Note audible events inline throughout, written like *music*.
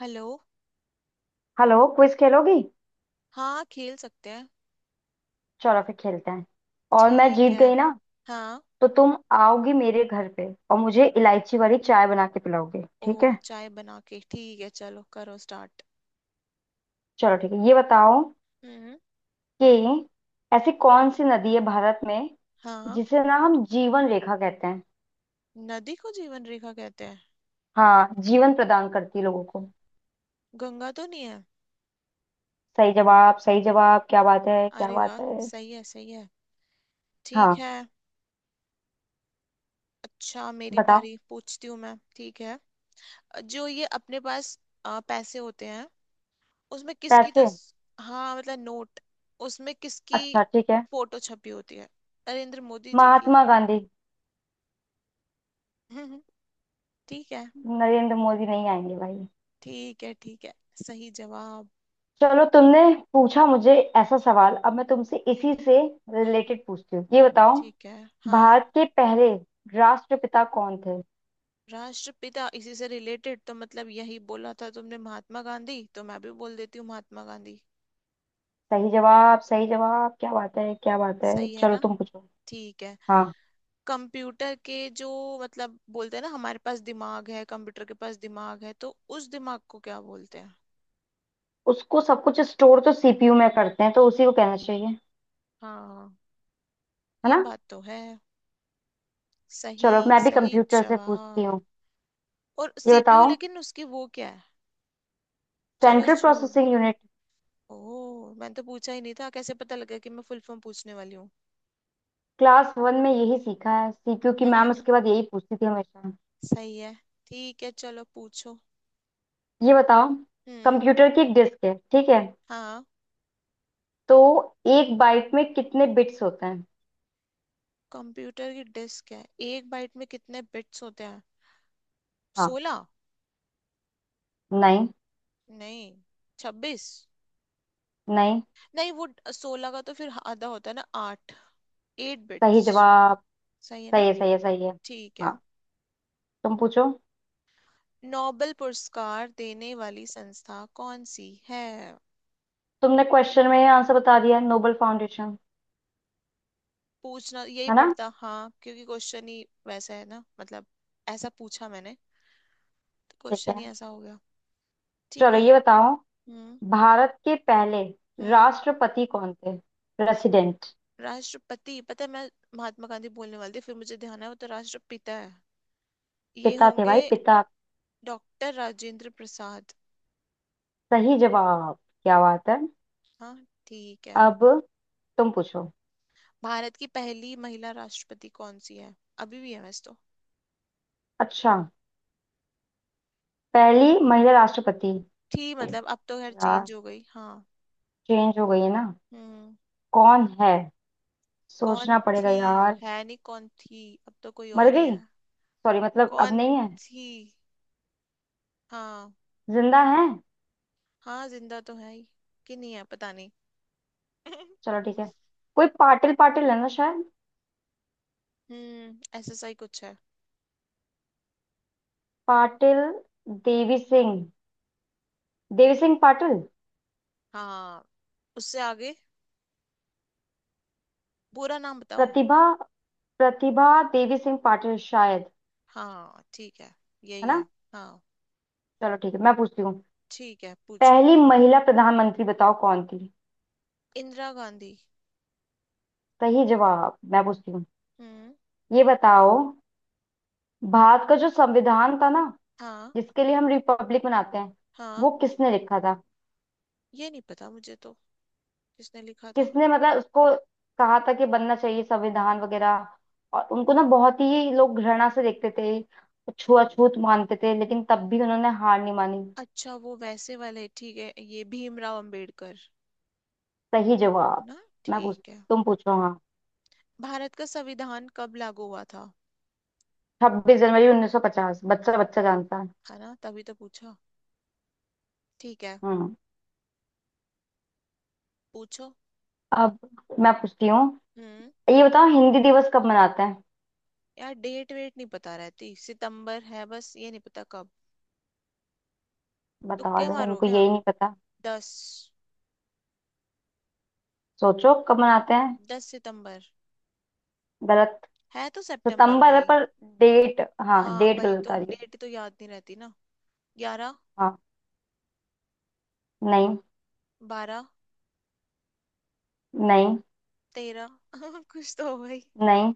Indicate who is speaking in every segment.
Speaker 1: Hello.
Speaker 2: Hello. Quiz खेलोगी।
Speaker 1: हाँ, खेल सकते हैं।
Speaker 2: चलो फिर खेलते हैं। और मैं
Speaker 1: ठीक
Speaker 2: जीत
Speaker 1: है।
Speaker 2: गई ना।
Speaker 1: हाँ।
Speaker 2: तो तुम आओगी मेरे घर पे और मुझे इलायची वाली चाय बना के पिलाओगे,
Speaker 1: ओ,
Speaker 2: ठीक है।
Speaker 1: चाय बना के ठीक है, चलो करो स्टार्ट।
Speaker 2: चलो ठीक है, ये बताओ
Speaker 1: हम्म।
Speaker 2: कि ऐसी कौन सी नदी है भारत में
Speaker 1: हाँ।
Speaker 2: जिसे ना हम जीवन रेखा कहते हैं।
Speaker 1: नदी को जीवन रेखा कहते हैं?
Speaker 2: हाँ, जीवन प्रदान करती है लोगों को।
Speaker 1: गंगा तो नहीं है?
Speaker 2: सही जवाब सही जवाब, क्या बात है क्या
Speaker 1: अरे वाह!
Speaker 2: बात है।
Speaker 1: सही है, सही है। ठीक
Speaker 2: हाँ,
Speaker 1: है। अच्छा, मेरी
Speaker 2: बताओ।
Speaker 1: बारी, पूछती हूँ मैं, ठीक है। जो ये अपने पास पैसे होते हैं, उसमें किसकी
Speaker 2: पैसे।
Speaker 1: तस हाँ, मतलब नोट, उसमें किसकी
Speaker 2: अच्छा ठीक है।
Speaker 1: फोटो छपी होती है? नरेंद्र मोदी जी की।
Speaker 2: महात्मा गांधी।
Speaker 1: *laughs* ठीक है।
Speaker 2: नरेंद्र मोदी नहीं आएंगे भाई।
Speaker 1: ठीक है। ठीक है, सही जवाब।
Speaker 2: चलो तुमने पूछा मुझे ऐसा सवाल, अब मैं तुमसे इसी से
Speaker 1: हम्म।
Speaker 2: रिलेटेड पूछती हूँ। ये बताओ,
Speaker 1: ठीक है। हाँ।
Speaker 2: भारत के पहले राष्ट्रपिता कौन थे।
Speaker 1: राष्ट्रपिता? इसी से रिलेटेड तो, मतलब यही बोला था तुमने महात्मा गांधी, तो मैं भी बोल देती हूँ महात्मा गांधी।
Speaker 2: सही जवाब सही जवाब, क्या बात है क्या बात है।
Speaker 1: सही है
Speaker 2: चलो
Speaker 1: ना?
Speaker 2: तुम पूछो।
Speaker 1: ठीक है।
Speaker 2: हाँ,
Speaker 1: कंप्यूटर के जो, मतलब, बोलते हैं ना हमारे पास दिमाग है, कंप्यूटर के पास दिमाग है, तो उस दिमाग को क्या बोलते हैं?
Speaker 2: उसको सब कुछ स्टोर तो सीपीयू में करते हैं, तो उसी को कहना चाहिए है
Speaker 1: हाँ, ये
Speaker 2: ना।
Speaker 1: बात तो है सही।
Speaker 2: चलो मैं भी
Speaker 1: सही
Speaker 2: कंप्यूटर से पूछती
Speaker 1: जवाब।
Speaker 2: हूँ।
Speaker 1: और
Speaker 2: ये
Speaker 1: सीपीयू,
Speaker 2: बताओ,
Speaker 1: लेकिन उसकी वो क्या है? चलो
Speaker 2: सेंट्रल
Speaker 1: छोड़।
Speaker 2: Processing unit.
Speaker 1: ओह, मैंने तो पूछा ही नहीं था, कैसे पता लगा कि मैं फुल फॉर्म पूछने वाली हूँ?
Speaker 2: क्लास वन में यही सीखा है, सीपीयू की मैम
Speaker 1: *laughs*
Speaker 2: उसके बाद यही पूछती थी हमेशा।
Speaker 1: सही है। ठीक है, चलो पूछो।
Speaker 2: ये बताओ,
Speaker 1: हम्म।
Speaker 2: कंप्यूटर की एक डिस्क है ठीक है,
Speaker 1: हाँ।
Speaker 2: तो एक बाइट में कितने बिट्स होते हैं।
Speaker 1: कंप्यूटर की डिस्क है, एक बाइट में कितने बिट्स होते हैं?
Speaker 2: हाँ।
Speaker 1: 16?
Speaker 2: नहीं।
Speaker 1: नहीं। 26?
Speaker 2: नहीं।
Speaker 1: नहीं, वो 16 का तो फिर आधा होता है ना, आठ। एट
Speaker 2: सही
Speaker 1: बिट्स।
Speaker 2: जवाब।
Speaker 1: सही है
Speaker 2: सही
Speaker 1: ना?
Speaker 2: है सही है सही है।
Speaker 1: ठीक है।
Speaker 2: हाँ, तुम पूछो।
Speaker 1: नोबेल पुरस्कार देने वाली संस्था कौन सी है?
Speaker 2: तुमने क्वेश्चन में आंसर बता दिया, नोबल फाउंडेशन।
Speaker 1: पूछना यही
Speaker 2: है ना।
Speaker 1: पड़ता, हाँ, क्योंकि क्वेश्चन ही वैसा है ना, मतलब ऐसा पूछा मैंने,
Speaker 2: ठीक
Speaker 1: क्वेश्चन
Speaker 2: है
Speaker 1: ही ऐसा हो गया। ठीक
Speaker 2: चलो,
Speaker 1: है।
Speaker 2: ये बताओ,
Speaker 1: हम्म।
Speaker 2: भारत के पहले
Speaker 1: हम्म।
Speaker 2: राष्ट्रपति कौन थे। प्रेसिडेंट।
Speaker 1: राष्ट्रपति पता है मैं। महात्मा गांधी बोलने वाली थी, फिर मुझे ध्यान आया वो तो राष्ट्रपिता है, ये
Speaker 2: पिता थे
Speaker 1: होंगे
Speaker 2: भाई, पिता।
Speaker 1: डॉक्टर राजेंद्र प्रसाद।
Speaker 2: सही जवाब क्या बात है।
Speaker 1: हाँ। ठीक है।
Speaker 2: अब तुम पूछो।
Speaker 1: भारत की पहली महिला राष्ट्रपति कौन सी है? अभी भी है वैसे तो।
Speaker 2: अच्छा, पहली महिला राष्ट्रपति।
Speaker 1: थी, मतलब अब तो खैर
Speaker 2: यार
Speaker 1: चेंज हो गई, हाँ।
Speaker 2: चेंज हो गई है ना।
Speaker 1: हम्म।
Speaker 2: कौन है,
Speaker 1: कौन
Speaker 2: सोचना पड़ेगा
Speaker 1: थी?
Speaker 2: यार।
Speaker 1: है नहीं, कौन थी? अब तो कोई
Speaker 2: मर
Speaker 1: और ही
Speaker 2: गई।
Speaker 1: है।
Speaker 2: सॉरी, मतलब अब
Speaker 1: कौन
Speaker 2: नहीं है।
Speaker 1: थी? हाँ।
Speaker 2: जिंदा है।
Speaker 1: हाँ, जिंदा तो है ही। कि नहीं है, पता नहीं।
Speaker 2: चलो ठीक
Speaker 1: *laughs*
Speaker 2: है, कोई पाटिल पाटिल है ना शायद।
Speaker 1: हम्म, एसएसआई कुछ है।
Speaker 2: पाटिल। देवी सिंह। देवी सिंह पाटिल।
Speaker 1: हाँ, उससे आगे, पूरा नाम बताओ।
Speaker 2: प्रतिभा। प्रतिभा देवी सिंह पाटिल शायद।
Speaker 1: हाँ ठीक है,
Speaker 2: है
Speaker 1: यही
Speaker 2: ना।
Speaker 1: है। हाँ।
Speaker 2: चलो ठीक है मैं पूछती हूँ,
Speaker 1: ठीक है, पूछो।
Speaker 2: पहली महिला प्रधानमंत्री बताओ कौन थी।
Speaker 1: इंदिरा गांधी।
Speaker 2: सही जवाब। मैं पूछती हूँ,
Speaker 1: हम्म।
Speaker 2: ये बताओ, भारत का जो संविधान था ना,
Speaker 1: हाँ।
Speaker 2: जिसके लिए हम रिपब्लिक मनाते हैं,
Speaker 1: हाँ,
Speaker 2: वो किसने लिखा था।
Speaker 1: ये नहीं पता मुझे तो। किसने लिखा था?
Speaker 2: किसने मतलब उसको कहा था कि बनना चाहिए संविधान वगैरह, और उनको ना बहुत ही लोग घृणा से देखते थे, छुआछूत मानते थे, लेकिन तब भी उन्होंने हार नहीं मानी।
Speaker 1: अच्छा, वो वैसे वाले, ठीक है, ये भीमराव अंबेडकर।
Speaker 2: सही जवाब।
Speaker 1: है ना?
Speaker 2: मैं पूछ
Speaker 1: ठीक है।
Speaker 2: तुम पूछो हाँ।
Speaker 1: भारत का संविधान कब लागू हुआ था?
Speaker 2: 26 जनवरी 1950, बच्चा बच्चा जानता है।
Speaker 1: है ना, तभी तो पूछा। ठीक है,
Speaker 2: हम्म।
Speaker 1: पूछो।
Speaker 2: अब मैं पूछती हूँ,
Speaker 1: हम्म।
Speaker 2: ये बताओ, हिंदी दिवस कब मनाते हैं।
Speaker 1: यार, डेट वेट नहीं पता रहती, सितंबर है बस, ये नहीं पता कब।
Speaker 2: बताओ
Speaker 1: तुक्के
Speaker 2: जरा,
Speaker 1: मारो
Speaker 2: इनको
Speaker 1: क्या?
Speaker 2: यही नहीं पता।
Speaker 1: 10।
Speaker 2: सोचो कब मनाते हैं।
Speaker 1: 10 सितंबर।
Speaker 2: गलत।
Speaker 1: है तो सितंबर में
Speaker 2: सितंबर है
Speaker 1: ही।
Speaker 2: पर डेट। हाँ
Speaker 1: हाँ,
Speaker 2: डेट
Speaker 1: वही
Speaker 2: गलत
Speaker 1: तो,
Speaker 2: आ रही हो।
Speaker 1: डेट तो याद नहीं रहती ना। 11।
Speaker 2: हाँ। नहीं।
Speaker 1: 12।
Speaker 2: नहीं।
Speaker 1: 13। *laughs* कुछ तो हो भाई।
Speaker 2: नहीं।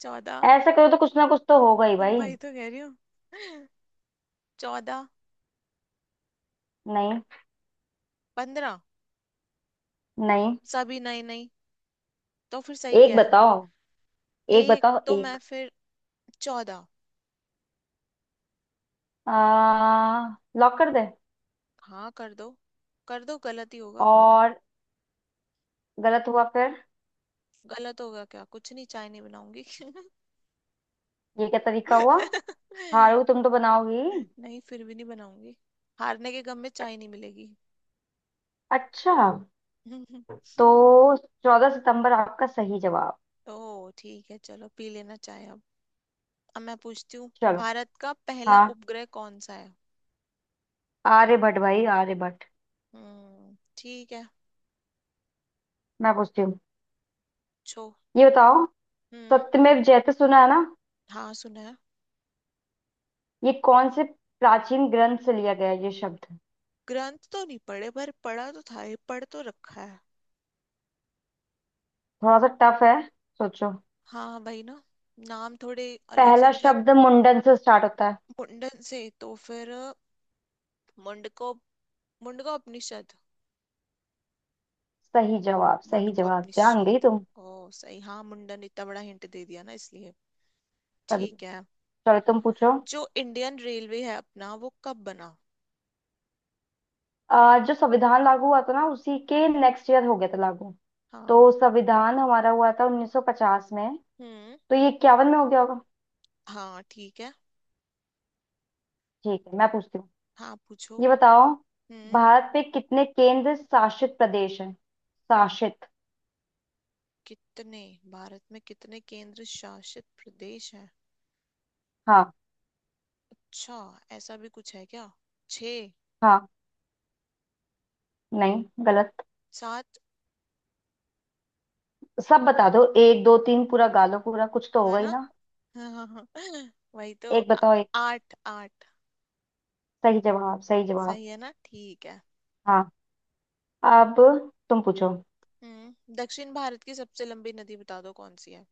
Speaker 1: 14।
Speaker 2: ऐसा करो तो कुछ ना कुछ तो होगा ही भाई।
Speaker 1: वही तो कह रही हूँ। *laughs* 14।
Speaker 2: नहीं।
Speaker 1: 15।
Speaker 2: नहीं।
Speaker 1: सभी नहीं, नहीं, तो फिर सही
Speaker 2: एक
Speaker 1: क्या है?
Speaker 2: बताओ, एक
Speaker 1: एक
Speaker 2: बताओ
Speaker 1: तो मैं
Speaker 2: एक।
Speaker 1: फिर 14।
Speaker 2: आ, लॉक कर दे।
Speaker 1: हाँ कर दो, कर दो, गलत ही होगा।
Speaker 2: और गलत हुआ फिर।
Speaker 1: गलत होगा क्या? कुछ नहीं, चाय नहीं बनाऊंगी। *laughs*
Speaker 2: ये क्या तरीका हुआ, हारू तुम तो बनाओगी।
Speaker 1: नहीं, फिर भी नहीं बनाऊंगी। हारने के गम में चाय नहीं मिलेगी।
Speaker 2: अच्छा।
Speaker 1: *laughs*
Speaker 2: तो 14 सितंबर आपका सही जवाब।
Speaker 1: ओ, ठीक है, चलो पी लेना चाय अब। अब मैं पूछती हूँ,
Speaker 2: चलो।
Speaker 1: भारत का पहला
Speaker 2: हाँ,
Speaker 1: उपग्रह कौन सा है?
Speaker 2: आर्यभट्ट भाई आर्यभट्ट।
Speaker 1: हम्म। ठीक है।
Speaker 2: मैं पूछती हूँ,
Speaker 1: छो
Speaker 2: ये बताओ,
Speaker 1: हम्म।
Speaker 2: सत्यमेव जयते सुना है ना,
Speaker 1: हाँ, सुना है।
Speaker 2: ये कौन से प्राचीन ग्रंथ से लिया गया है ये शब्द।
Speaker 1: ग्रंथ तो नहीं पढ़े, पर पढ़ा तो था, ये पढ़ तो रखा है।
Speaker 2: थोड़ा सा टफ है, सोचो।
Speaker 1: हाँ भाई ना, नाम थोड़े अलग
Speaker 2: पहला
Speaker 1: से, मतलब।
Speaker 2: शब्द मुंडन से स्टार्ट होता है।
Speaker 1: मुंडन से, तो फिर मुंडको मुंडकोपनिषद।
Speaker 2: सही जवाब सही जवाब, जान गई
Speaker 1: मुंडकोपनिषद।
Speaker 2: तुम।
Speaker 1: ओ सही, हाँ, मुंडन इतना बड़ा हिंट दे दिया ना इसलिए।
Speaker 2: तभी।
Speaker 1: ठीक है।
Speaker 2: चलो तुम पूछो।
Speaker 1: जो इंडियन रेलवे है अपना, वो कब बना?
Speaker 2: जो संविधान लागू हुआ था ना, उसी के नेक्स्ट ईयर हो गया था लागू। तो
Speaker 1: हाँ।
Speaker 2: संविधान हमारा हुआ था 1950 में,
Speaker 1: हम्म।
Speaker 2: तो ये 51 में हो गया होगा।
Speaker 1: हाँ। ठीक है।
Speaker 2: ठीक है मैं पूछती हूँ,
Speaker 1: हाँ, पूछो।
Speaker 2: ये बताओ,
Speaker 1: हम्म।
Speaker 2: भारत पे कितने केंद्र शासित प्रदेश हैं, शासित।
Speaker 1: कितने भारत में कितने केंद्र शासित प्रदेश हैं?
Speaker 2: हाँ।
Speaker 1: अच्छा, ऐसा भी कुछ है क्या? छः।
Speaker 2: हाँ, नहीं गलत।
Speaker 1: सात।
Speaker 2: सब बता दो, एक दो तीन पूरा गालो पूरा, कुछ तो
Speaker 1: है
Speaker 2: होगा ही
Speaker 1: ना?
Speaker 2: ना।
Speaker 1: *laughs* वही तो
Speaker 2: एक बताओ एक।
Speaker 1: आठ, आठ।
Speaker 2: सही जवाब सही जवाब।
Speaker 1: सही है ना? ठीक है।
Speaker 2: हाँ, अब तुम पूछो।
Speaker 1: हम्म, दक्षिण भारत की सबसे लंबी नदी बता दो कौन सी है।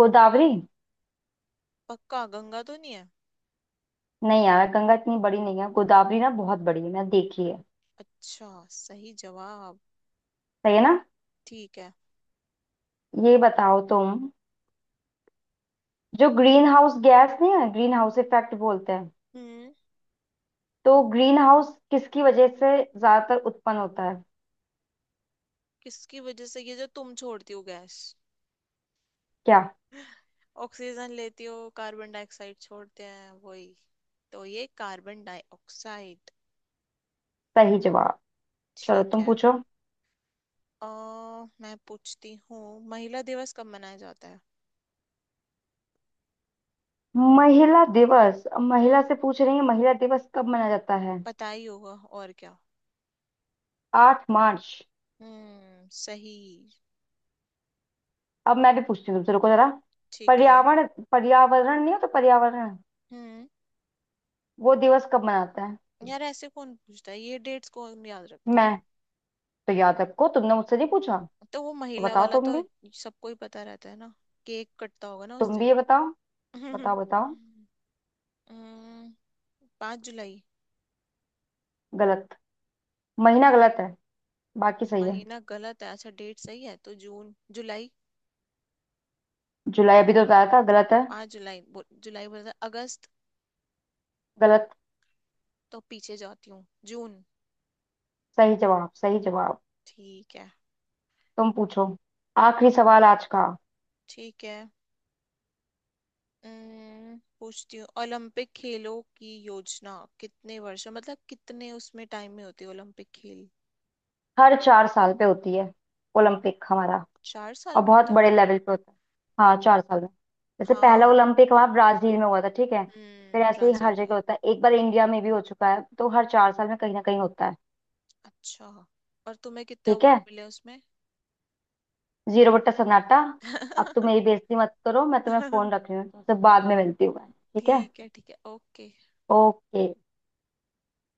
Speaker 2: गोदावरी।
Speaker 1: पक्का? गंगा तो नहीं है?
Speaker 2: नहीं यार, गंगा इतनी बड़ी नहीं है, गोदावरी ना बहुत बड़ी है, मैंने देखी है।
Speaker 1: अच्छा, सही जवाब।
Speaker 2: सही है ना।
Speaker 1: ठीक है।
Speaker 2: ये बताओ तुम, जो ग्रीन हाउस गैस नहीं है, ग्रीन हाउस इफेक्ट बोलते हैं,
Speaker 1: हम्म।
Speaker 2: तो ग्रीन हाउस किसकी वजह से ज्यादातर उत्पन्न होता है।
Speaker 1: किसकी वजह से? ये जो तुम छोड़ती हो गैस,
Speaker 2: क्या।
Speaker 1: ऑक्सीजन लेती हो, कार्बन डाइऑक्साइड छोड़ते हैं वही। तो ये कार्बन डाइऑक्साइड।
Speaker 2: सही जवाब। चलो
Speaker 1: ठीक
Speaker 2: तुम
Speaker 1: है।
Speaker 2: पूछो।
Speaker 1: अ मैं पूछती हूँ, महिला दिवस कब मनाया जाता है?
Speaker 2: महिला दिवस, अब
Speaker 1: हम्म,
Speaker 2: महिला से पूछ रही है महिला दिवस कब मनाया जाता है।
Speaker 1: पता ही होगा, और क्या।
Speaker 2: 8 मार्च।
Speaker 1: हम्म, सही।
Speaker 2: अब मैं भी पूछती हूँ तुमसे, रुको जरा।
Speaker 1: ठीक है।
Speaker 2: पर्यावरण, पर्यावरण नहीं हो तो पर्यावरण,
Speaker 1: हम्म।
Speaker 2: वो दिवस कब मनाता है।
Speaker 1: यार ऐसे कौन पूछता है, ये डेट्स कौन याद रखता
Speaker 2: मैं।
Speaker 1: है।
Speaker 2: तो याद रखो, तुमने मुझसे नहीं पूछा।
Speaker 1: तो वो
Speaker 2: तो
Speaker 1: महिला
Speaker 2: बताओ
Speaker 1: वाला
Speaker 2: तुम
Speaker 1: तो
Speaker 2: भी,
Speaker 1: सबको ही पता रहता है ना, केक कटता होगा ना उस
Speaker 2: तुम भी
Speaker 1: दिन।
Speaker 2: ये बताओ। बताओ बताओ।
Speaker 1: *laughs* हम्म, 5 जुलाई।
Speaker 2: गलत। महीना गलत है, बाकी सही है।
Speaker 1: महीना गलत है? अच्छा, डेट सही है तो, जून जुलाई,
Speaker 2: जुलाई अभी तो बताया था, गलत है।
Speaker 1: 5 जुलाई जुलाई बोला था, अगस्त?
Speaker 2: गलत।
Speaker 1: तो पीछे जाती हूँ, जून।
Speaker 2: सही जवाब सही जवाब।
Speaker 1: ठीक है।
Speaker 2: तुम पूछो, आखिरी सवाल आज का।
Speaker 1: ठीक है। पूछती हूँ, ओलंपिक खेलों की योजना, कितने वर्षों मतलब कितने उसमें टाइम में होते हैं ओलंपिक खेल?
Speaker 2: हर 4 साल पे होती है ओलंपिक हमारा,
Speaker 1: 4 साल
Speaker 2: और
Speaker 1: में
Speaker 2: बहुत
Speaker 1: होते हैं
Speaker 2: बड़े
Speaker 1: ओलंपिक?
Speaker 2: लेवल पे होता है। हाँ, 4 साल में। जैसे पहला
Speaker 1: हाँ।
Speaker 2: ओलंपिक हमारा ब्राजील में हुआ था, ठीक है। फिर
Speaker 1: हम्म,
Speaker 2: ऐसे ही
Speaker 1: ब्राजील
Speaker 2: हर
Speaker 1: में।
Speaker 2: जगह होता है, एक बार इंडिया में भी हो चुका है, तो हर 4 साल में कहीं ना कहीं होता है।
Speaker 1: अच्छा, और तुम्हें कितने
Speaker 2: ठीक है,
Speaker 1: अवार्ड मिले उसमें?
Speaker 2: जीरो बट्टा सन्नाटा। अब तुम
Speaker 1: *laughs*
Speaker 2: मेरी बेइज्जती मत करो, मैं तुम्हें फोन रख रही हूँ, तुमसे बाद में मिलती हूँ मैं, ठीक है।
Speaker 1: ठीक है। ठीक है, ओके।
Speaker 2: ओके।